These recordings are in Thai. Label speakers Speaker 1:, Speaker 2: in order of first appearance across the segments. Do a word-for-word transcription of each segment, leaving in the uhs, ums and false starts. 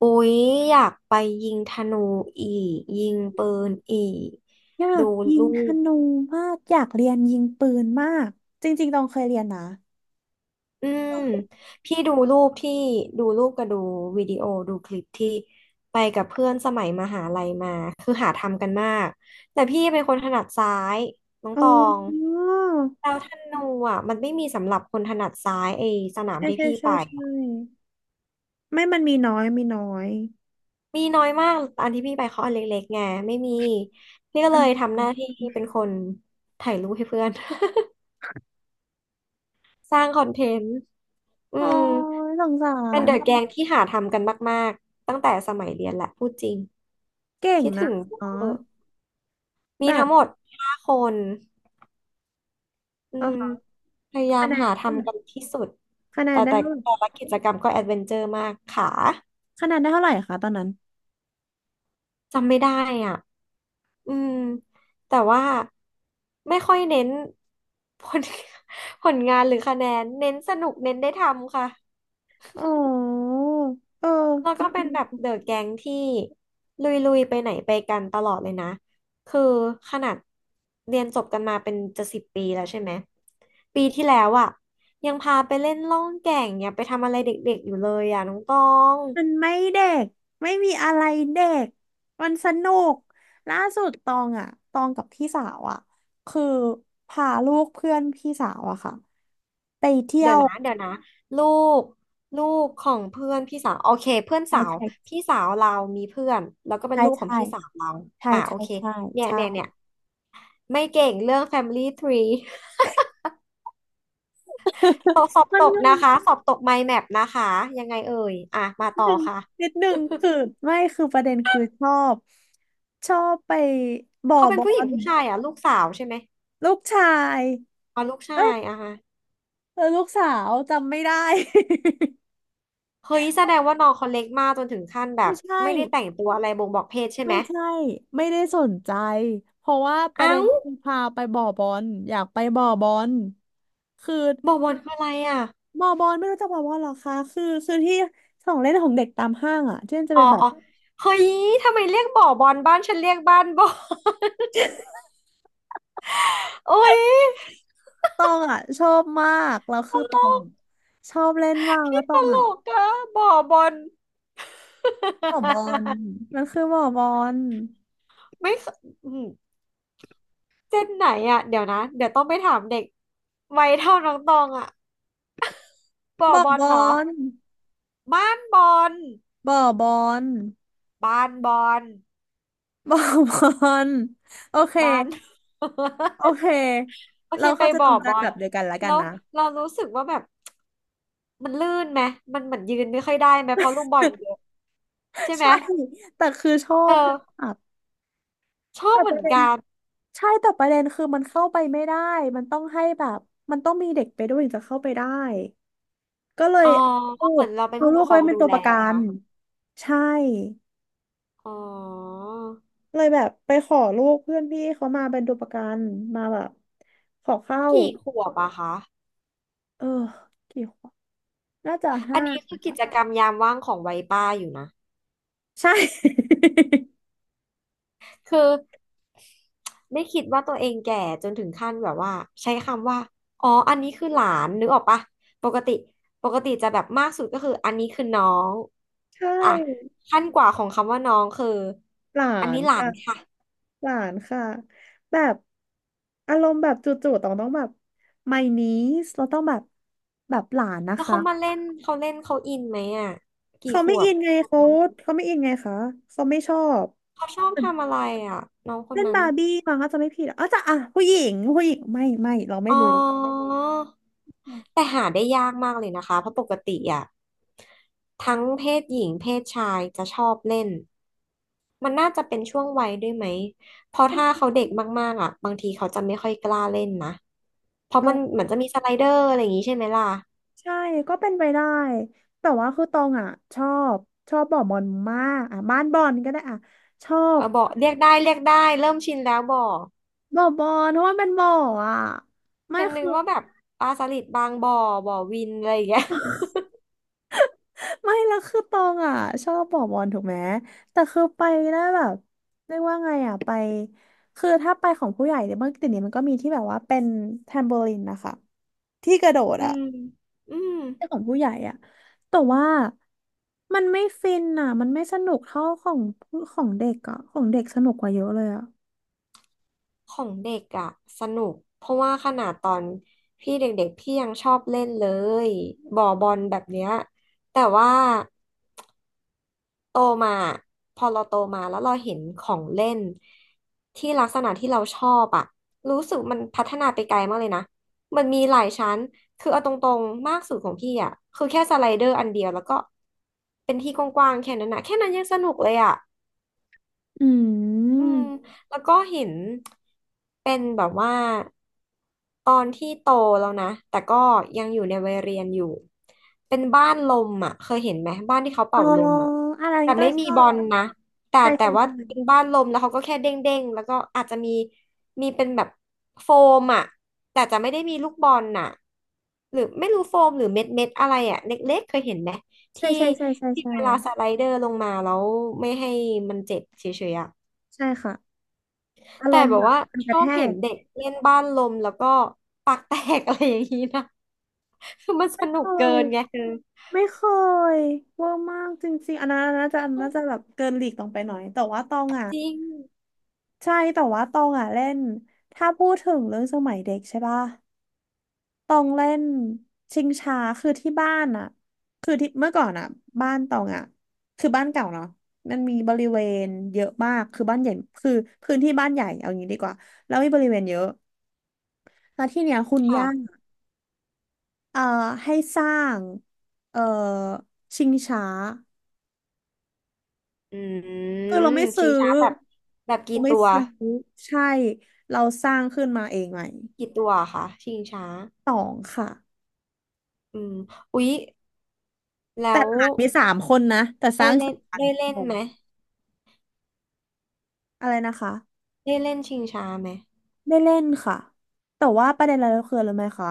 Speaker 1: อุ๊ยอยากไปยิงธนูอีกยิงปืนอีก
Speaker 2: อยา
Speaker 1: ดู
Speaker 2: กยิง
Speaker 1: รู
Speaker 2: ธ
Speaker 1: ป
Speaker 2: นูมากอยากเรียนยิงปืนมากจริงๆตองเคยเรียนนะ
Speaker 1: อืมพี่ดูรูปที่ดูรูปกับดูวิดีโอดูคลิปที่ไปกับเพื่อนสมัยมหาลัยมาคือหาทำกันมากแต่พี่เป็นคนถนัดซ้ายน้อง
Speaker 2: อ๋
Speaker 1: ตอง
Speaker 2: อ
Speaker 1: แล้วธนูอ่ะมันไม่มีสำหรับคนถนัดซ้ายไอ้สนาม
Speaker 2: ใช่
Speaker 1: ที่
Speaker 2: ใช่
Speaker 1: พี่
Speaker 2: ใช่
Speaker 1: ไป
Speaker 2: ใช่ไม่มันมีน้อยมีน้อย
Speaker 1: มีน้อยมากอันที่พี่ไปเขาอันเล็กๆไงไม่มีพี่ก็เล
Speaker 2: อ่ะ
Speaker 1: ยทำหน้าที่เป็นคนถ่ายรูปให้เพื่อน สร้างคอนเทนต์ อื
Speaker 2: โอ้
Speaker 1: ม
Speaker 2: ยสงสา
Speaker 1: เป็น
Speaker 2: ร
Speaker 1: เดอะแกงที่หาทำกันมากๆตั้งแต่สมัยเรียนแหละพูดจริง
Speaker 2: เก่ง
Speaker 1: คิด
Speaker 2: นะ
Speaker 1: ถึงเวอ
Speaker 2: อ๋อ
Speaker 1: ร์มี
Speaker 2: แบ
Speaker 1: ทั้
Speaker 2: บ
Speaker 1: งหมดห้าคนอื
Speaker 2: อ๋
Speaker 1: ม
Speaker 2: อ
Speaker 1: พยายา
Speaker 2: คะ
Speaker 1: ม
Speaker 2: แนน
Speaker 1: หา
Speaker 2: เท่าไห
Speaker 1: ทำกัน
Speaker 2: ร่
Speaker 1: ที่สุด
Speaker 2: คะแน
Speaker 1: แต่
Speaker 2: นได้
Speaker 1: แต่
Speaker 2: เท่าไหร่
Speaker 1: แต่ละกิจกรรมก็แอดเวนเจอร์มากขา
Speaker 2: คะแนนได้เท่าไหร่คะตอนนั้น
Speaker 1: จำไม่ได้อ่ะ อืมแต่ว่าไม่ค่อยเน้นผล ผลงานหรือคะแนน เน้นสนุกเน้นได้ทำค่ะ
Speaker 2: อ๋อเอ
Speaker 1: แล้วก็
Speaker 2: อ
Speaker 1: เป็นแบบเดอะแก๊งที่ลุยๆไปไหนไปกันตลอดเลยนะคือขนาดเรียนจบกันมาเป็นจะสิบปีแล้วใช่ไหมปีที่แล้วอ่ะยังพาไปเล่นล่องแก่งเนี่ยไปทำอะไรเด็กๆอยู่เลยอ่ะน้องตอง
Speaker 2: มันไม่เด็กไม่มีอะไรเด็กมันสนุกล่าสุดตองอ่ะตองกับพี่สาวอ่ะคือพาลูกเพื่อนพี่สาวอะค่ะไปเที่ย
Speaker 1: เดี๋ยว
Speaker 2: ว
Speaker 1: นะเดี๋ยวนะลูกลูกของเพื่อนพี่สาวโอเคเพื่อน
Speaker 2: ใช่
Speaker 1: สาว
Speaker 2: ใช่
Speaker 1: พี่สาวเรามีเพื่อนแล้วก็เป็น
Speaker 2: ใช่
Speaker 1: ลูกของ
Speaker 2: ใช่
Speaker 1: พี่สาวเรา
Speaker 2: ใช่
Speaker 1: อ่าโอ
Speaker 2: ใช่
Speaker 1: เค
Speaker 2: ใช่
Speaker 1: เนี่ ย
Speaker 2: ใช่
Speaker 1: เนี่ยเนี่ยไม่เก่งเรื่อง Family Tree สอบสอบ
Speaker 2: มั
Speaker 1: ต
Speaker 2: น
Speaker 1: ก
Speaker 2: ง
Speaker 1: นะ
Speaker 2: ง
Speaker 1: คะสอบตก mind map นแมปนะคะ ยังไงเอ่ย อ่ะมา
Speaker 2: นิด
Speaker 1: ต่
Speaker 2: ห
Speaker 1: อ
Speaker 2: นึ่งนิ
Speaker 1: ค่ะ
Speaker 2: ดหนึ่งคือไม่คือประเด็นคือชอบชอบไปบ่อ
Speaker 1: เขาเป็
Speaker 2: บ
Speaker 1: น
Speaker 2: อ
Speaker 1: ผู้หญิง
Speaker 2: ล
Speaker 1: ผู้ชายอ่ะลูกสาวใช่ไหม
Speaker 2: ลูกชาย
Speaker 1: อ๋อลูกชา
Speaker 2: เอ้ย
Speaker 1: ย อ่ะฮะ
Speaker 2: เออลูกสาวจำไม่ได้
Speaker 1: เฮ้ยแสดงว่าน้องเขาเล็กมากจนถึงขั้นแบ บ
Speaker 2: ไม่ใช่
Speaker 1: ไม่ได้แต่งตัวอะไรบ่งบอกเพศใช่ไห
Speaker 2: ไม่
Speaker 1: ม
Speaker 2: ใช่ไม่ได้สนใจเพราะว่าประ
Speaker 1: เอ้า
Speaker 2: เด็นคือพาไปบ่อบอลอยากไปบ่อบอลคือ
Speaker 1: บ่อบอลคืออะไรอ่ะ
Speaker 2: บ่อบอลไม่รู้จักบ่อบอลเหรอคะคือคือที่ของเล่นของเด็กตามห้างอ่ะที่มันจะ
Speaker 1: อ๋อ
Speaker 2: เป็นแบ
Speaker 1: อ๋
Speaker 2: บ
Speaker 1: อเฮ้ย ทำไมเรียกบ่อบอลบ้านฉันเรียกบ้านบ่อ โอ้ย
Speaker 2: ตองอ่ะชอบมากแล้ว
Speaker 1: ต
Speaker 2: คือต
Speaker 1: ล
Speaker 2: อง
Speaker 1: ก
Speaker 2: อะชอบเล่นมากแล้
Speaker 1: พี่
Speaker 2: วต
Speaker 1: ต
Speaker 2: อง
Speaker 1: ล
Speaker 2: อ่ะ
Speaker 1: กอะบ่อบอล
Speaker 2: บ่อบอล มันคือบ่อบอล
Speaker 1: ไม่เคอืมเจนไหนอ่ะเดี๋ยวนะเดี๋ยวต้องไปถามเด็กวัยเท่าน้องตองอ่ะ บ่อ
Speaker 2: บ่อ
Speaker 1: บอ
Speaker 2: บ
Speaker 1: ล
Speaker 2: อ
Speaker 1: เนาะ
Speaker 2: ล
Speaker 1: บ้านบอล
Speaker 2: บ่อบอล
Speaker 1: บ้านบอล
Speaker 2: บ่อบอลโอเค
Speaker 1: บ้าน
Speaker 2: โอเค
Speaker 1: โอเค
Speaker 2: เรา
Speaker 1: ไป
Speaker 2: เข้าใจต
Speaker 1: บ่อ
Speaker 2: รง
Speaker 1: บ
Speaker 2: กัน
Speaker 1: อ
Speaker 2: แบ
Speaker 1: ล
Speaker 2: บเดียวกันแล้วกัน
Speaker 1: แล้ว
Speaker 2: นะ
Speaker 1: เรารู้สึกว่าแบบมันลื่นไหมมันเหมือนยืนไม่ค่อยได้ไหมเพราะลูกบอลเยอะใช่ไหม
Speaker 2: ใช่แต่คือชอ
Speaker 1: เอ
Speaker 2: บ
Speaker 1: อ
Speaker 2: มาก
Speaker 1: ชอบ
Speaker 2: แต่
Speaker 1: เห
Speaker 2: ป
Speaker 1: มือ
Speaker 2: ระ
Speaker 1: น
Speaker 2: เด็น
Speaker 1: กัน
Speaker 2: ใช่แต่ประเด็นคือมันเข้าไปไม่ได้มันต้องให้แบบมันต้องมีเด็กไปด้วยถึงจะเข้าไปได้ก็เลย
Speaker 1: อ๋อ
Speaker 2: เอาลู
Speaker 1: เหมื
Speaker 2: ก
Speaker 1: อนเราเป็น
Speaker 2: เอา
Speaker 1: ผู้
Speaker 2: ลู
Speaker 1: ป
Speaker 2: ก
Speaker 1: กคร
Speaker 2: เขา
Speaker 1: อง
Speaker 2: ไป
Speaker 1: มา
Speaker 2: เป็น
Speaker 1: ดู
Speaker 2: ตัว
Speaker 1: แล
Speaker 2: ประกั
Speaker 1: นะ
Speaker 2: น
Speaker 1: คะ
Speaker 2: ใช่
Speaker 1: อ๋อ
Speaker 2: เลยแบบไปขอลูกเพื่อนพี่เขามาเป็นตัวประกันมาแบบขอเข้า
Speaker 1: กี่ขวบอะคะ
Speaker 2: เออกี่ขวบน่าจะ
Speaker 1: อั
Speaker 2: ห้า
Speaker 1: นนี้คือกิจกรรมยามว่างของวัยป้าอยู่นะ
Speaker 2: ใช่
Speaker 1: คือไม่คิดว่าตัวเองแก่จนถึงขั้นแบบว่าใช้คำว่าอ๋ออันนี้คือหลานนึกออกปะปกติปกติจะแบบมากสุดก็คืออันนี้คือน้อง
Speaker 2: ใช่
Speaker 1: อ่ะขั้นกว่าของคำว่าน้องคือ
Speaker 2: หลา
Speaker 1: อัน
Speaker 2: น
Speaker 1: นี้หลา
Speaker 2: ค่ะ
Speaker 1: นค่ะ
Speaker 2: หลานค่ะแบบอารมณ์แบบจู่ๆต้องต้องแบบ my niece เราต้องแบบแบบหลานนะ
Speaker 1: แล้ว
Speaker 2: คะ
Speaker 1: เขามาเล่นเขาเล่นเขาอินไหมอ่ะกี่
Speaker 2: เขา
Speaker 1: ข
Speaker 2: ไม่
Speaker 1: ว
Speaker 2: อิ
Speaker 1: บ
Speaker 2: นไงเขาเขาไม่อินไงคะเขาไม่ชอบ
Speaker 1: เขาชอบทำอะไรอ่ะน้องคน
Speaker 2: เล่น
Speaker 1: นั้น
Speaker 2: บาร์บี้มั้งก็จะไม่ผิดอะอ๋อจะอ่ะผู้หญิงผู้หญิงไม่ไม่เราไม่
Speaker 1: อ๋
Speaker 2: รู้
Speaker 1: อ แต่หาได้ยากมากเลยนะคะ เพราะปกติอ่ะทั้งเพศหญิงเพศชายจะชอบเล่นมันน่าจะเป็นช่วงวัยด้วยไหมเพราะ
Speaker 2: เป็น
Speaker 1: ถ้าเขาเด็กมากๆอ่ะบางทีเขาจะไม่ค่อยกล้าเล่นนะเพราะ
Speaker 2: เอา
Speaker 1: มันเหมือนจะมีสไลเดอร์อะไรอย่างนี้ใช่ไหมล่ะ
Speaker 2: ใช่ก็เป็นไปได้แต่ว่าคือตองอ่ะชอบชอบบ่อบอลมากอ่ะบ้านบอลก็ได้อ่ะชอ
Speaker 1: เอ
Speaker 2: บ
Speaker 1: อบอเรียกได้เรียกได้เริ่มชินแล้วบ่อ
Speaker 2: บ่อบอลเพราะว่าเป็นบ่ออ่ะไม่
Speaker 1: ฉันนึ
Speaker 2: คื
Speaker 1: ก
Speaker 2: อ
Speaker 1: ว่าแบบปลาสลิดบางบ่อบ่อวินอะไรอย่างเงี้ย
Speaker 2: ไม่แล้วคือตองอ่ะชอบบอกบอลถูกไหมแต่คือไปนะแบบเรียกว่าไงอ่ะไปคือถ้าไปของผู้ใหญ่เนี่ยเมื่อกี้นี้มันก็มีที่แบบว่าเป็นแทมโบลินนะคะที่กระโดด
Speaker 1: อื
Speaker 2: อ่ะ
Speaker 1: มอืม
Speaker 2: ที่ของผู้ใหญ่อ่ะแต่ว่ามันไม่ฟินอ่ะมันไม่สนุกเท่าของผู้ของเด็กอ่ะของเด็กสนุกกว่าเยอะเลยอ่ะ
Speaker 1: ของเด็กอะสนุกเพราะว่าขนาดตอนพี่เด็กๆพี่ยังชอบเล่นเลยบ่อบอลแบบเนี้ยแต่ว่าโตมาพอเราโตมาแล้วเราเห็นของเล่นที่ลักษณะที่เราชอบอะรู้สึกมันพัฒนาไปไกลมากเลยนะมันมีหลายชั้นคือเอาตรงๆมากสุดของพี่อะคือแค่สไลเดอร์อันเดียวแล้วก็เป็นที่กว้างๆแค่นั้นนะแค่นั้นยังสนุกเลยอะ
Speaker 2: อื
Speaker 1: อื
Speaker 2: ม
Speaker 1: มแล้วก็เห็นเป็นแบบว่าตอนที่โตแล้วนะแต่ก็ยังอยู่ในวัยเรียนอยู่เป็นบ้านลมอ่ะเคยเห็นไหมบ้านที่เขา
Speaker 2: อ๋อ
Speaker 1: เป่าลมอ่ะ
Speaker 2: อันนั้น
Speaker 1: แต่
Speaker 2: ก็
Speaker 1: ไม่
Speaker 2: ช
Speaker 1: มี
Speaker 2: อ
Speaker 1: บอล
Speaker 2: บ
Speaker 1: นะแต่
Speaker 2: ใช่
Speaker 1: แต่
Speaker 2: ใช่
Speaker 1: ว่า
Speaker 2: ใช่
Speaker 1: เป็นบ้านลมแล้วเขาก็แค่เด้งเด้งแล้วก็อาจจะมีมีเป็นแบบโฟมอ่ะแต่จะไม่ได้มีลูกบอลน่ะหรือไม่รู้โฟมหรือเม็ดเม็ดอะไรอ่ะเล็กๆเคยเห็นไหม
Speaker 2: ใช่
Speaker 1: ที่
Speaker 2: ใช่ใช่ใช่
Speaker 1: ที่
Speaker 2: ใช่
Speaker 1: เวลาสไลเดอร์ลงมาแล้วไม่ให้มันเจ็บเฉยๆอ่ะ
Speaker 2: ใช่ค่ะอาร
Speaker 1: แต่
Speaker 2: มณ์
Speaker 1: แบ
Speaker 2: แบ
Speaker 1: บ
Speaker 2: บ
Speaker 1: ว่า
Speaker 2: มัน
Speaker 1: ช
Speaker 2: กระ
Speaker 1: อ
Speaker 2: แท
Speaker 1: บเห็น
Speaker 2: ก
Speaker 1: เด็กเล่นบ้านลมแล้วก็ปากแตก อะไรอย่างนี้นะคือมันสนุก
Speaker 2: โอ้
Speaker 1: เกิ
Speaker 2: ย
Speaker 1: นไงคือ
Speaker 2: ไม่เคยเวอร์มากจริงๆอันนั้นอันนั้นน่าจะอันนั้นน่าจะแบบเกินหลีกลงไปหน่อยแต่ว่าตองอ่ะ
Speaker 1: จริง
Speaker 2: ใช่แต่ว่าตองอ่ะเล่นถ้าพูดถึงเรื่องสมัยเด็กใช่ป่ะตองเล่นชิงช้าคือที่บ้านอ่ะคือที่เมื่อก่อนอ่ะบ้านตองอ่ะคือบ้านเก่าเนาะมันมีบริเวณเยอะมากคือบ้านใหญ่คือพื้นที่บ้านใหญ่เอางี้ดีกว่าแล้วมีบริเวณเยอะแล้วที่เนี้ยคุณย่า
Speaker 1: ค่ะ
Speaker 2: เอ่อให้สร้างเอ่อชิงช้า
Speaker 1: อื
Speaker 2: คือเรา
Speaker 1: ม
Speaker 2: ไม่ซื้
Speaker 1: ชิ
Speaker 2: อ
Speaker 1: งช้าแบบแบบ
Speaker 2: เรา
Speaker 1: กี่
Speaker 2: ไม่
Speaker 1: ตัว
Speaker 2: ซื้อใช่เราสร้างขึ้นมาเองใหม่
Speaker 1: กี่ตัวคะชิงช้า
Speaker 2: สองค่ะ
Speaker 1: อืมอุ๊ยแล้
Speaker 2: แต่
Speaker 1: ว
Speaker 2: หลานมีสามคนนะแต่ส
Speaker 1: ได้
Speaker 2: ร้าง
Speaker 1: เล่
Speaker 2: สา
Speaker 1: น
Speaker 2: ม
Speaker 1: ได้
Speaker 2: ค
Speaker 1: เล่น
Speaker 2: น
Speaker 1: ไหม
Speaker 2: อะไรนะคะ
Speaker 1: ได้เล่นชิงช้าไหม
Speaker 2: ได้เล่นค่ะแต่ว่าประเด็นอะไรก็คืออะไรรู้ไหมคะ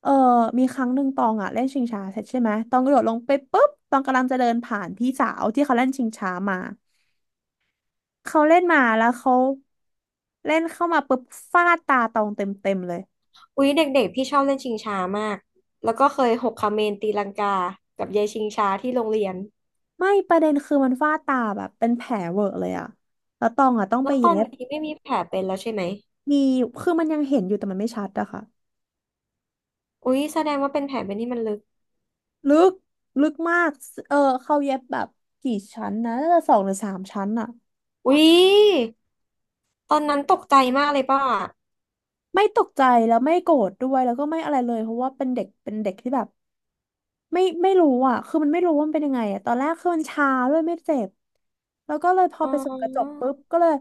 Speaker 2: เออมีครั้งหนึ่งตองอ่ะเล่นชิงช้าเสร็จใช่ไหมตองกระโดดลงไปปุ๊บตองกำลังจะเดินผ่านพี่สาวที่เขาเล่นชิงช้ามาเขาเล่นมาแล้วเขาเล่นเข้ามาปุ๊บฟาดตาตองเต็มเต็มเลย
Speaker 1: อุ๊ยเด็กๆพี่ชอบเล่นชิงช้ามากแล้วก็เคยหกคาเมนตีลังกากับยายชิงช้าที่โรงเรียน
Speaker 2: ไม่ประเด็นคือมันฝ้าตาแบบเป็นแผลเวอะเลยอะแล้วตองอะต้องไป
Speaker 1: แล้วตอน
Speaker 2: เย็บ
Speaker 1: นี้ไม่มีแผลเป็นแล้วใช่ไหม
Speaker 2: มีคือมันยังเห็นอยู่แต่มันไม่ชัดอะค่ะ
Speaker 1: อุ๊ยแสดงว่าเป็นแผลเป็นที่มันลึก
Speaker 2: ลึกลึกมากเออเขาเย็บแบบกี่ชั้นนะน่าจะสองหรือสามชั้นอะ
Speaker 1: อุ๊ยตอนนั้นตกใจมากเลยป่ะ
Speaker 2: ไม่ตกใจแล้วไม่โกรธด้วยแล้วก็ไม่อะไรเลยเพราะว่าเป็นเด็กเป็นเด็กที่แบบไม่ไม่รู้อะคือมันไม่รู้ว่ามันเป็นยังไงอะตอนแรกคือมันชาด้วยไม่เจ็บแล้วก็เลยพอ
Speaker 1: อ๋
Speaker 2: ไปส่องกระจก
Speaker 1: อ
Speaker 2: ปุ๊บก็เลย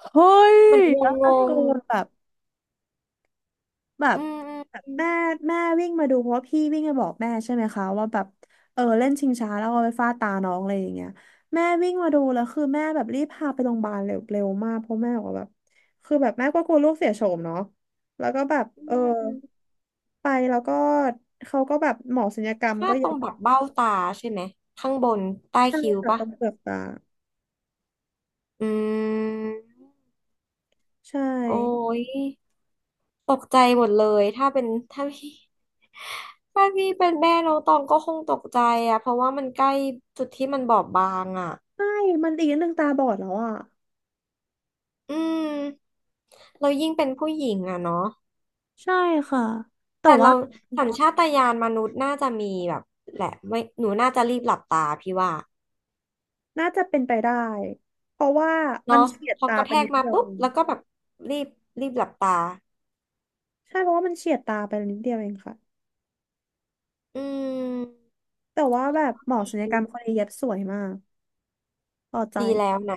Speaker 2: เฮ้ย
Speaker 1: เหมือนง
Speaker 2: แล้ว
Speaker 1: ง
Speaker 2: ตะโก
Speaker 1: ง
Speaker 2: นแบบ แบบ
Speaker 1: อืม
Speaker 2: แบบ
Speaker 1: อืม
Speaker 2: แม่แม่วิ่งมาดูเพราะว่าพี่วิ่งมาบอกแม่ใช่ไหมคะว่าแบบเออเล่นชิงช้าแล้วเอาไปฟาดตาน้องอะไรอย่างเงี้ยแม่วิ่งมาดูแล้วคือแม่แบบรีบพาไปโรงพยาบาลเร็วเร็วมากเพราะแม่บอกว่าแบบคือแบบแม่ก็กลัวลูกเสียโฉมเนาะแล้วก็แบบ
Speaker 1: อื
Speaker 2: เออ
Speaker 1: มอืม
Speaker 2: ไปแล้วก็เขาก็แบบหมอศัลยกรรม
Speaker 1: พลา
Speaker 2: ก็
Speaker 1: ดต
Speaker 2: เย็
Speaker 1: รง
Speaker 2: บ
Speaker 1: แบบเบ้าตาใช่ไหมข้างบนใต้
Speaker 2: ใช่
Speaker 1: คิ้ว
Speaker 2: ค่ะ
Speaker 1: ป่ะ
Speaker 2: ตรงเปลือกตา
Speaker 1: อืม
Speaker 2: ใช่
Speaker 1: โอ้ยตกใจหมดเลยถ้าเป็นถ้าพี่ถ้าพี่เป็นแม่น้องตองก็คงตกใจอะเพราะว่ามันใกล้จุดที่มันบอบบางอะ
Speaker 2: ใช่มันอีกนิดนึงตาบอดแล้วอ่ะ
Speaker 1: อืมเรายิ่งเป็นผู้หญิงอะเนาะ
Speaker 2: ใช่ค่ะแต่
Speaker 1: แต่
Speaker 2: ว่า
Speaker 1: เราสัญชาตญาณมนุษย์น่าจะมีแบบแหละไม่หนูน่าจะรีบหลับตาพี่ว่า
Speaker 2: น่าจะเป็นไปได้เพราะว่ามั
Speaker 1: เนาะ
Speaker 2: นเฉียด
Speaker 1: พอ
Speaker 2: ตา
Speaker 1: กระ
Speaker 2: ไป
Speaker 1: แท
Speaker 2: นิ
Speaker 1: ก
Speaker 2: ด
Speaker 1: มา
Speaker 2: เดียว
Speaker 1: ปุ๊
Speaker 2: เอ
Speaker 1: บ
Speaker 2: ง
Speaker 1: แล้วก็แบบรีบรีบหลับตา
Speaker 2: ใช่เพราะว่ามันเฉียดตาไปนิดเดียวเองค่ะ
Speaker 1: อืม
Speaker 2: แต่ว่าแบบหมอศัลยกรรมคนนี้เย็บสวยมากพอใจ
Speaker 1: ดีแล้วนะ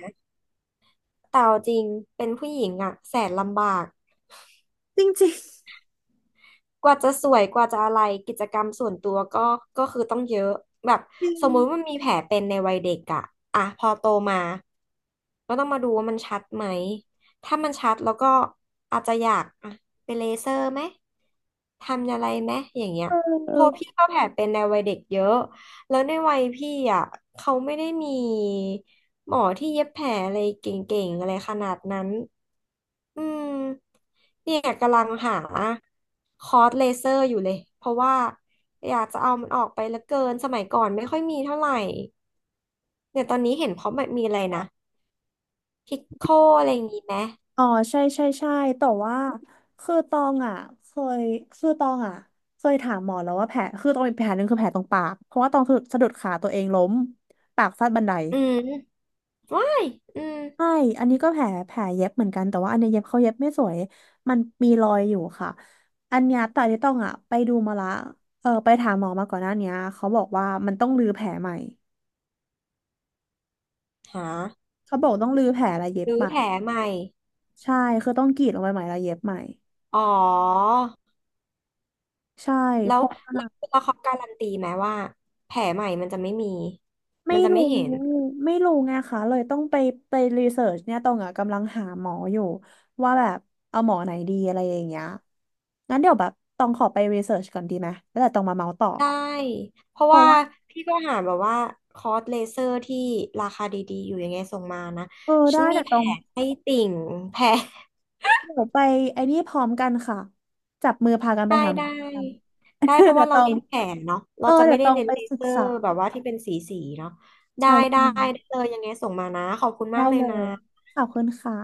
Speaker 1: แต่เอาจริงเป็นผู้หญิงอะแสนลำบาก
Speaker 2: จริงจริง
Speaker 1: กว่าจะสวยกว่าจะอะไรกิจกรรมส่วนตัวก็ก็คือต้องเยอะแบบ
Speaker 2: จริ
Speaker 1: สมมุติว่า
Speaker 2: ง
Speaker 1: มันมีแผลเป็นในวัยเด็กอะอ่ะพอโตมาก็ต้องมาดูว่ามันชัดไหมถ้ามันชัดแล้วก็อาจจะอยากอ่ะไปเลเซอร์ไหม ทำอะไรไหมอย่างเงี้ย
Speaker 2: เออเอ
Speaker 1: เพ
Speaker 2: อ
Speaker 1: ราะพี่ก็แผลเป็นในวัยเด็กเยอะ แล้วในวัยพี่อ่ะเขาไม่ได้มีหมอที่เย็บแผลอะไรเก่งๆอะไรขนาดนั้นอืมเนี่ยกำลังหาคอร์สเลเซอร์อยู่เลย เพราะว่าอยากจะเอามันออกไปเหลือเกินสมัยก่อนไม่ค่อยมีเท่าไหร่เนี่ยตอนนี้เห็นเขาแบบมีอะไรนะพิกโคอะไรอย่างงี้ไหม
Speaker 2: อ๋อใช่ใช่ใช่แต่ว่าคือตองอ่ะเคยคือตองอ่ะเคยถามหมอแล้วว่าแผลคือตองมีแผลหนึ่งคือแผลตรงปากเพราะว่าตองสะดุดสะดุดขาตัวเองล้มปากฟาดบันได
Speaker 1: อืมว้ายอืม
Speaker 2: ใช่อันนี้ก็แผลแผลเย็บเหมือนกัน แต่ว่าอันเนี้ยเย็บเขาเย็บไม่สวยมันมีรอยอยู่ค่ะอันเนี้ยแต่ที่ต้องอ่ะไปดูมาละ เออไปถามหมอมาก่อนหน้าเนี้ยเขาบอกว่ามันต้องรื้อแผลใหม่
Speaker 1: หา
Speaker 2: เขาบอกต้องรื้อแผลและเย็บ
Speaker 1: รื้อ
Speaker 2: ใหม่
Speaker 1: แผลใหม่
Speaker 2: ใช่คือต้องกรีดลงไปใหม่และเย็บใหม่
Speaker 1: อ๋อ
Speaker 2: ใช่
Speaker 1: แล้
Speaker 2: เพ
Speaker 1: ว
Speaker 2: ราะ
Speaker 1: แล้วแล้วเขาการันตีไหมว่าแผลใหม่มันจะไม่มี
Speaker 2: ไม่
Speaker 1: มันจะ
Speaker 2: รู้
Speaker 1: ไม่เห็น
Speaker 2: ไม่รู้ไงคะเลยต้องไปไปรีเสิร์ชเนี่ยตองอ่ะกำลังหาหมออยู่ว่าแบบเอาหมอไหนดีอะไรอย่างเงี้ยงั้นเดี๋ยวแบบตองขอไปรีเสิร์ชก่อนดีไหมแล้วเดี๋ยวตองมาเมาส์ต่อ
Speaker 1: ได้เพราะว่าพี่ก็หาแบบว่าคอร์สเลเซอร์ที่ราคาดีๆอยู่ยังไงส่งมานะ
Speaker 2: เออ
Speaker 1: ฉั
Speaker 2: ได้
Speaker 1: นมี
Speaker 2: แต่
Speaker 1: แผ
Speaker 2: ตอ
Speaker 1: ล
Speaker 2: ง
Speaker 1: ให้ติ่งแผล
Speaker 2: เดี๋ยวไปไอ้นี่พร้อมกันค่ะจับมือพากันไป
Speaker 1: ได้
Speaker 2: หาหมอ
Speaker 1: ได้
Speaker 2: กัน
Speaker 1: ได้เพ ราะ
Speaker 2: เดี๋ย
Speaker 1: ว่า
Speaker 2: วต
Speaker 1: เรา
Speaker 2: อง
Speaker 1: เน้นแผลเนาะ
Speaker 2: เอ
Speaker 1: เรา
Speaker 2: อ
Speaker 1: จะ
Speaker 2: เดี๋
Speaker 1: ไม่
Speaker 2: ยว
Speaker 1: ได้
Speaker 2: ตอง
Speaker 1: เน้น
Speaker 2: ไป
Speaker 1: เล
Speaker 2: ศึ
Speaker 1: เซ
Speaker 2: ก
Speaker 1: อ
Speaker 2: ษา
Speaker 1: ร์แบบว่าที่เป็นสีสีเนาะได้
Speaker 2: ใช่
Speaker 1: ได้
Speaker 2: ใช่
Speaker 1: ได้เลยยังไงส่งมานะขอบคุณ
Speaker 2: ได้
Speaker 1: มากเลย
Speaker 2: เล
Speaker 1: นะ
Speaker 2: ยขอบคุณค่ะ